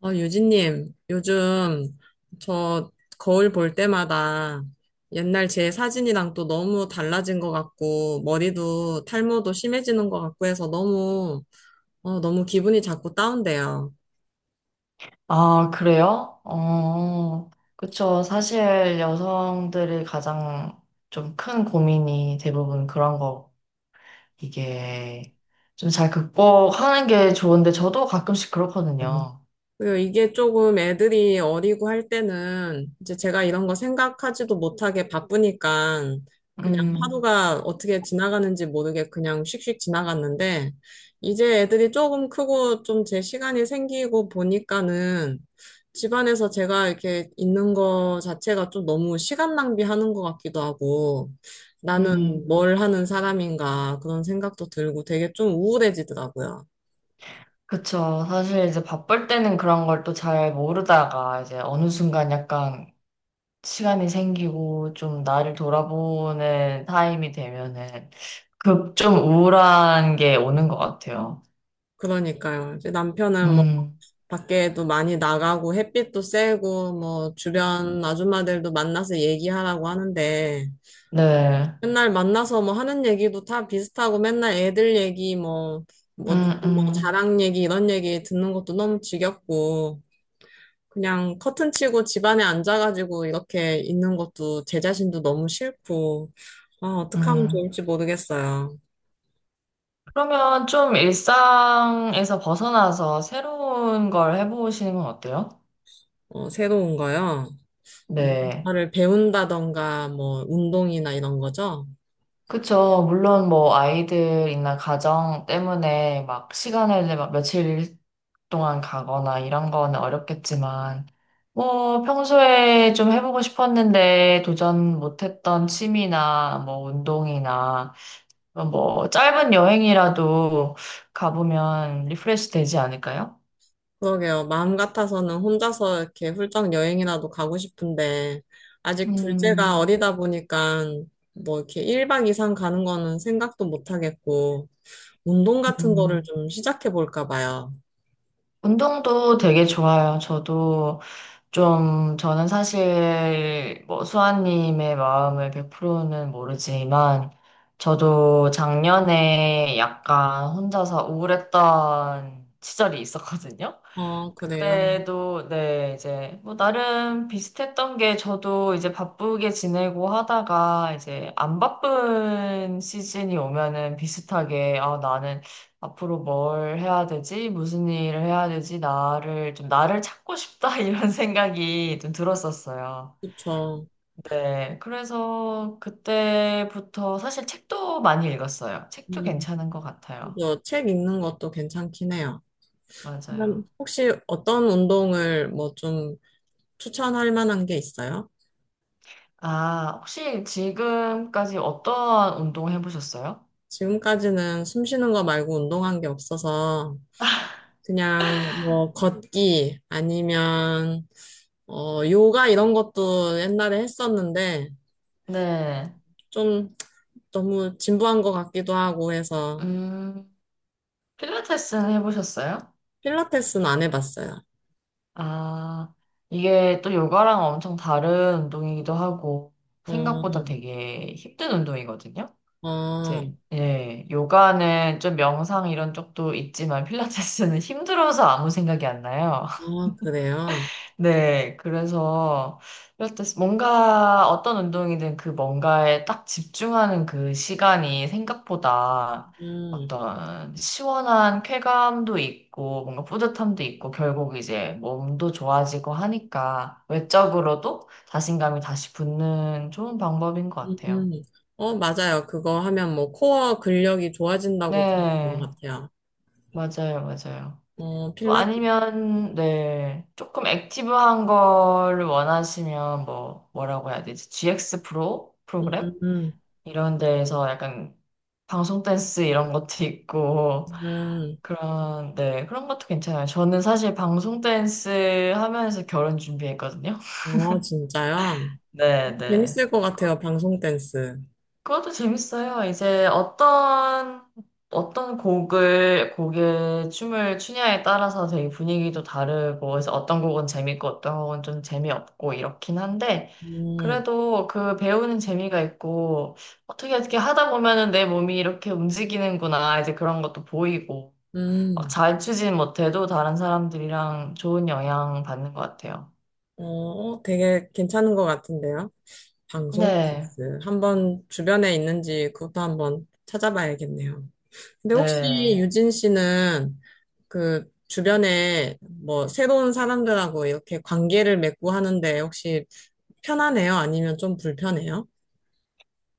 유진님, 요즘 저 거울 볼 때마다 옛날 제 사진이랑 또 너무 달라진 것 같고, 머리도 탈모도 심해지는 것 같고 해서 너무 기분이 자꾸 다운돼요. 아, 그래요? 그쵸. 사실 여성들이 가장 좀 큰 고민이 대부분 그런 거, 이게 좀 잘 극복하는 게 좋은데 저도 가끔씩 그렇거든요. 그리고 이게 조금 애들이 어리고 할 때는 이제 제가 이런 거 생각하지도 못하게 바쁘니까 그냥 음, 하루가 어떻게 지나가는지 모르게 그냥 씩씩 지나갔는데 이제 애들이 조금 크고 좀 제 시간이 생기고 보니까는 집안에서 제가 이렇게 있는 거 자체가 좀 너무 시간 낭비하는 것 같기도 하고 나는 음, 뭘 하는 사람인가 그런 생각도 들고 되게 좀 우울해지더라고요. 그쵸. 사실 이제 바쁠 때는 그런 걸 또 잘 모르다가 이제 어느 순간 약간 시간이 생기고 좀 나를 돌아보는 타임이 되면은 그 좀 우울한 게 오는 것 같아요. 그러니까요. 이제 남편은 뭐 음. 밖에도 많이 나가고 햇빛도 쐬고 뭐 주변 아줌마들도 만나서 얘기하라고 하는데 네. 맨날 만나서 뭐 하는 얘기도 다 비슷하고 맨날 애들 얘기 뭐 음, 뭐 누구 뭐 음, 자랑 얘기 이런 얘기 듣는 것도 너무 지겹고 그냥 커튼 치고 집안에 앉아가지고 이렇게 있는 것도 제 자신도 너무 싫고 아, 어떻게 하면 음. 좋을지 모르겠어요. 그러면 좀 일상에서 벗어나서 새로운 걸 해보시는 건 어때요? 어, 새로운 거요. 네. 뭔가를 배운다던가 뭐 운동이나 이런 거죠. 그쵸. 물론 뭐 아이들이나 가정 때문에 막 시간을 막 며칠 동안 가거나 이런 거는 어렵겠지만, 뭐 평소에 좀 해보고 싶었는데 도전 못했던 취미나 뭐 운동이나 뭐 짧은 여행이라도 가보면 리프레시 되지 않을까요? 그러게요. 마음 같아서는 혼자서 이렇게 훌쩍 여행이라도 가고 싶은데, 아직 둘째가 음, 어리다 보니까, 뭐 이렇게 1박 이상 가는 거는 생각도 못 하겠고, 운동 같은 거를 음. 좀 시작해 볼까 봐요. 운동도 되게 좋아요. 저도 좀, 저는 사실 뭐 수아님의 마음을 100%는 모르지만, 저도 작년에 약간 혼자서 우울했던 시절이 있었거든요. 어, 그래요. 그때도 네 이제 뭐 나름 비슷했던 게 저도 이제 바쁘게 지내고 하다가 이제 안 바쁜 시즌이 오면은 비슷하게 아 나는 앞으로 뭘 해야 되지? 무슨 일을 해야 되지? 나를 찾고 싶다 이런 생각이 좀 들었었어요. 그쵸. 네, 그래서 그때부터 사실 책도 많이 읽었어요. 책도 음, 괜찮은 것 같아요. 그죠. 책 읽는 것도 괜찮긴 해요. 그럼 맞아요. 혹시 어떤 운동을 뭐 좀 추천할 만한 게 있어요? 아, 혹시 지금까지 어떠한 운동 해보셨어요? 지금까지는 숨 쉬는 거 말고 운동한 게 없어서, 그냥 뭐 걷기 아니면 어 요가 이런 것도 옛날에 했었는데 네. 좀 너무 진부한 것 같기도 하고 해서 음, 필라테스는 해보셨어요? 필라테스는 안 해봤어요. 아, 이게 또 요가랑 엄청 다른 운동이기도 하고, 어, 생각보다 되게 힘든 운동이거든요? 어, 이제, 예, 요가는 좀 명상 이런 쪽도 있지만, 필라테스는 힘들어서 아무 생각이 안 나요. 어, 그래요. 네, 그래서 이럴 때 뭔가 어떤 운동이든 그 뭔가에 딱 집중하는 그 시간이 생각보다 음, 어떤 시원한 쾌감도 있고 뭔가 뿌듯함도 있고 결국 이제 몸도 좋아지고 하니까 외적으로도 자신감이 다시 붙는 좋은 방법인 것 음, 같아요. 음. 어, 맞아요. 그거 하면 뭐 코어 근력이 좋아진다고 들은 것 네, 같아요. 맞아요, 맞아요. 어, 뭐 필라테스, 아니면 네 조금 액티브한 걸 원하시면 뭐 뭐라고 해야 되지? GX 프로 음, 프로그램 음, 이런 데에서 약간 방송 댄스 이런 것도 있고 음. 그런 네 그런 것도 괜찮아요. 저는 사실 방송 댄스 하면서 결혼 준비했거든요. 어, 진짜요? 네 네. 재밌을 것 같아요, 방송 댄스. 그것도 재밌어요. 어떤 곡을, 곡의 춤을 추냐에 따라서 되게 분위기도 다르고, 그래서 어떤 곡은 재밌고, 어떤 곡은 좀 재미없고, 이렇긴 한데, 음, 그래도 그 배우는 재미가 있고, 어떻게 하다 보면은 내 몸이 이렇게 움직이는구나, 이제 그런 것도 보이고, 막 음. 잘 추진 못해도 다른 사람들이랑 좋은 영향 받는 것 같아요. 어, 되게 괜찮은 것 같은데요. 방송 네, 댄스. 한번 주변에 있는지 그것도 한번 찾아봐야겠네요. 근데 혹시 네. 유진 씨는 그 주변에 뭐 새로운 사람들하고 이렇게 관계를 맺고 하는데 혹시 편하네요? 아니면 좀 불편해요?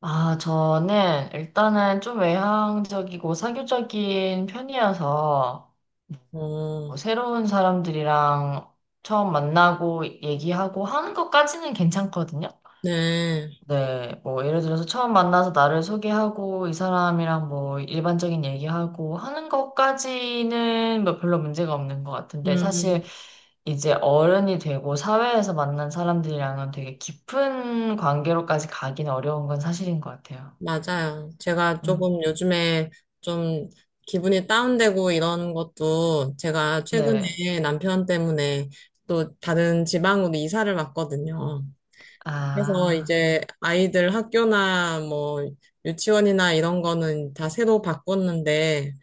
아, 저는 일단은 좀 외향적이고 사교적인 편이어서 어, 뭐 새로운 사람들이랑 처음 만나고 얘기하고 하는 것까지는 괜찮거든요. 네. 네, 뭐 예를 들어서 처음 만나서 나를 소개하고 이 사람이랑 뭐 일반적인 얘기하고 하는 것까지는 뭐 별로 문제가 없는 것 같은데 음, 사실 이제 어른이 되고 사회에서 만난 사람들이랑은 되게 깊은 관계로까지 가긴 어려운 건 사실인 것 같아요. 맞아요. 제가 음. 조금 요즘에 좀 기분이 다운되고 이런 것도 제가 네. 최근에 남편 때문에 또 다른 지방으로 이사를 왔거든요. 그래서 아, 이제 아이들 학교나 뭐 유치원이나 이런 거는 다 새로 바꿨는데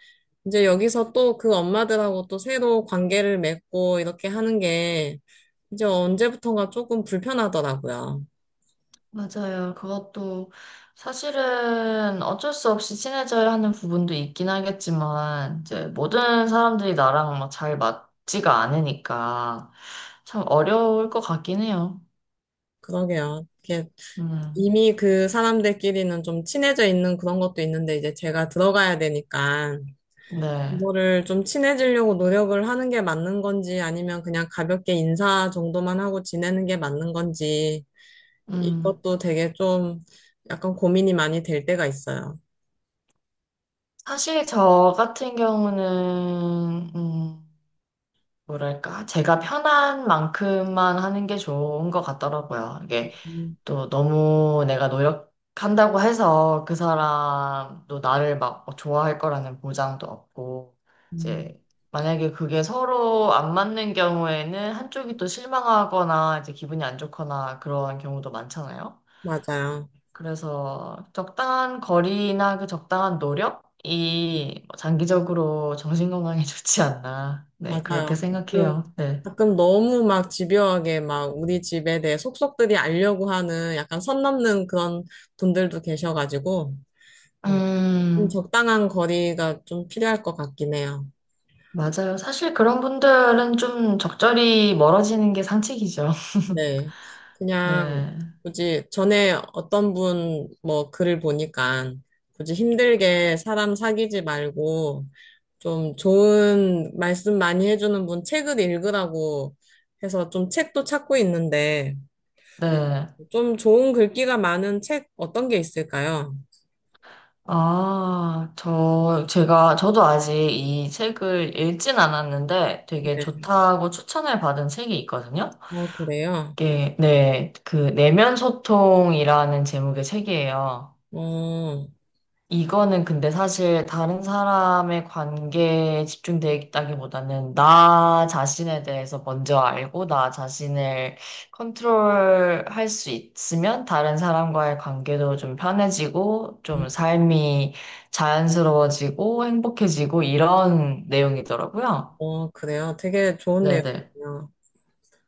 이제 여기서 또 그 엄마들하고 또 새로 관계를 맺고 이렇게 하는 게 이제 언제부턴가 조금 불편하더라고요. 맞아요. 그것도 사실은 어쩔 수 없이 친해져야 하는 부분도 있긴 하겠지만, 이제 모든 사람들이 나랑 막 잘 맞지가 않으니까 참 어려울 것 같긴 해요. 그러게요. 이게 음, 이미 그 사람들끼리는 좀 친해져 있는 그런 것도 있는데 이제 제가 들어가야 되니까 네. 이거를 좀 친해지려고 노력을 하는 게 맞는 건지 아니면 그냥 가볍게 인사 정도만 하고 지내는 게 맞는 건지 음, 이것도 되게 좀 약간 고민이 많이 될 때가 있어요. 사실 저 같은 경우는, 뭐랄까, 제가 편한 만큼만 하는 게 좋은 것 같더라고요. 이게 음, 또 너무 내가 노력한다고 해서 그 사람도 나를 막 좋아할 거라는 보장도 없고, 음, 이제 만약에 그게 서로 안 맞는 경우에는 한쪽이 또 실망하거나 이제 기분이 안 좋거나 그런 경우도 많잖아요. 맞아요. 그래서 적당한 거리나 그 적당한 노력이 장기적으로 정신 음, 건강에 좋지 않나. 네, 그렇게 맞아요. 가끔, 생각해요. 네. 가끔 너무 막 집요하게 막 우리 집에 대해 속속들이 알려고 하는 약간 선 넘는 그런 분들도 계셔가지고, 어, 좀 음, 적당한 거리가 좀 필요할 것 같긴 해요. 맞아요. 사실 그런 분들은 좀 적절히 멀어지는 게 상책이죠. 네. 그냥 네. 굳이 전에 어떤 분 뭐 글을 보니까 굳이 힘들게 사람 사귀지 말고 좀 좋은 말씀 많이 해주는 분 책을 읽으라고 해서 좀 책도 찾고 있는데 네. 좀 좋은 글귀가 많은 책 어떤 게 있을까요? 저도 아직 이 책을 읽진 않았는데 되게 네. 좋다고 추천을 받은 책이 있거든요. 어, 그래요? 이게, 네, 그, 내면 소통이라는 제목의 책이에요. 어, 이거는 근데 사실 다른 사람의 관계에 집중되기보다는 나 자신에 대해서 먼저 알고 나 자신을 컨트롤할 수 있으면 다른 사람과의 관계도 좀 편해지고 좀 음, 삶이 자연스러워지고 행복해지고 이런 내용이더라고요. 어, 그래요? 되게 좋은 네네. 내용이네요.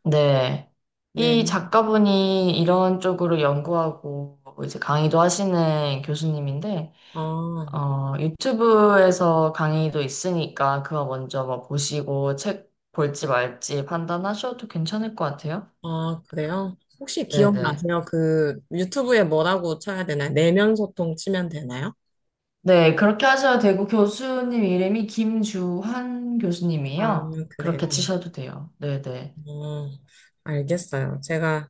네. 이 네. 작가분이 이런 쪽으로 연구하고 이제 강의도 하시는 교수님인데 어. 유튜브에서 강의도 있으니까 그거 먼저 뭐 보시고 책 볼지 말지 판단하셔도 괜찮을 것 같아요. 아, 그래요? 혹시 네네. 기억나세요? 그 유튜브에 뭐라고 쳐야 되나요? 내면 소통 치면 되나요? 네, 그렇게 하셔도 되고 교수님 이름이 김주환 아, 교수님이에요. 그렇게 그래요. 치셔도 돼요. 네네. 어, 알겠어요. 제가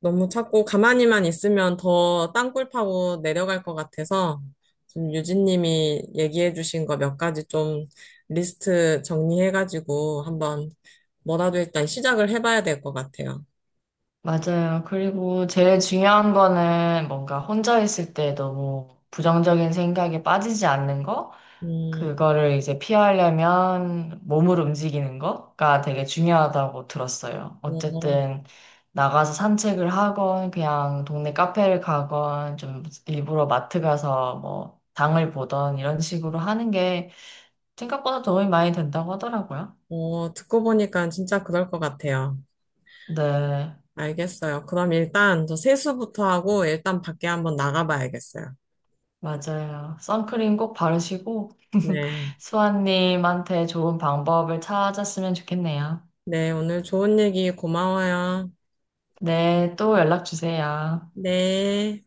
너무 자꾸 가만히만 있으면 더 땅굴 파고 내려갈 것 같아서 지금 유진님이 얘기해 주신 거 몇 가지 좀 리스트 정리해가지고 한번 뭐라도 일단 시작을 해봐야 될 것 같아요. 맞아요. 그리고 제일 중요한 거는 뭔가 혼자 있을 때 너무 부정적인 생각에 빠지지 않는 거? 음, 그거를 이제 피하려면 몸을 움직이는 거가 되게 중요하다고 들었어요. 어, 어쨌든 나가서 산책을 하건 그냥 동네 카페를 가건 좀 일부러 마트 가서 뭐 장을 보던 이런 식으로 하는 게 생각보다 도움이 많이 된다고 하더라고요. 어, 듣고 보니까 진짜 그럴 것 같아요. 네, 알겠어요. 그럼 일단 저 세수부터 하고 일단 밖에 한번 나가봐야겠어요. 맞아요. 선크림 꼭 바르시고 네. 수아님한테 좋은 방법을 찾았으면 좋겠네요. 네, 오늘 좋은 얘기 고마워요. 네, 또 연락 주세요. 네.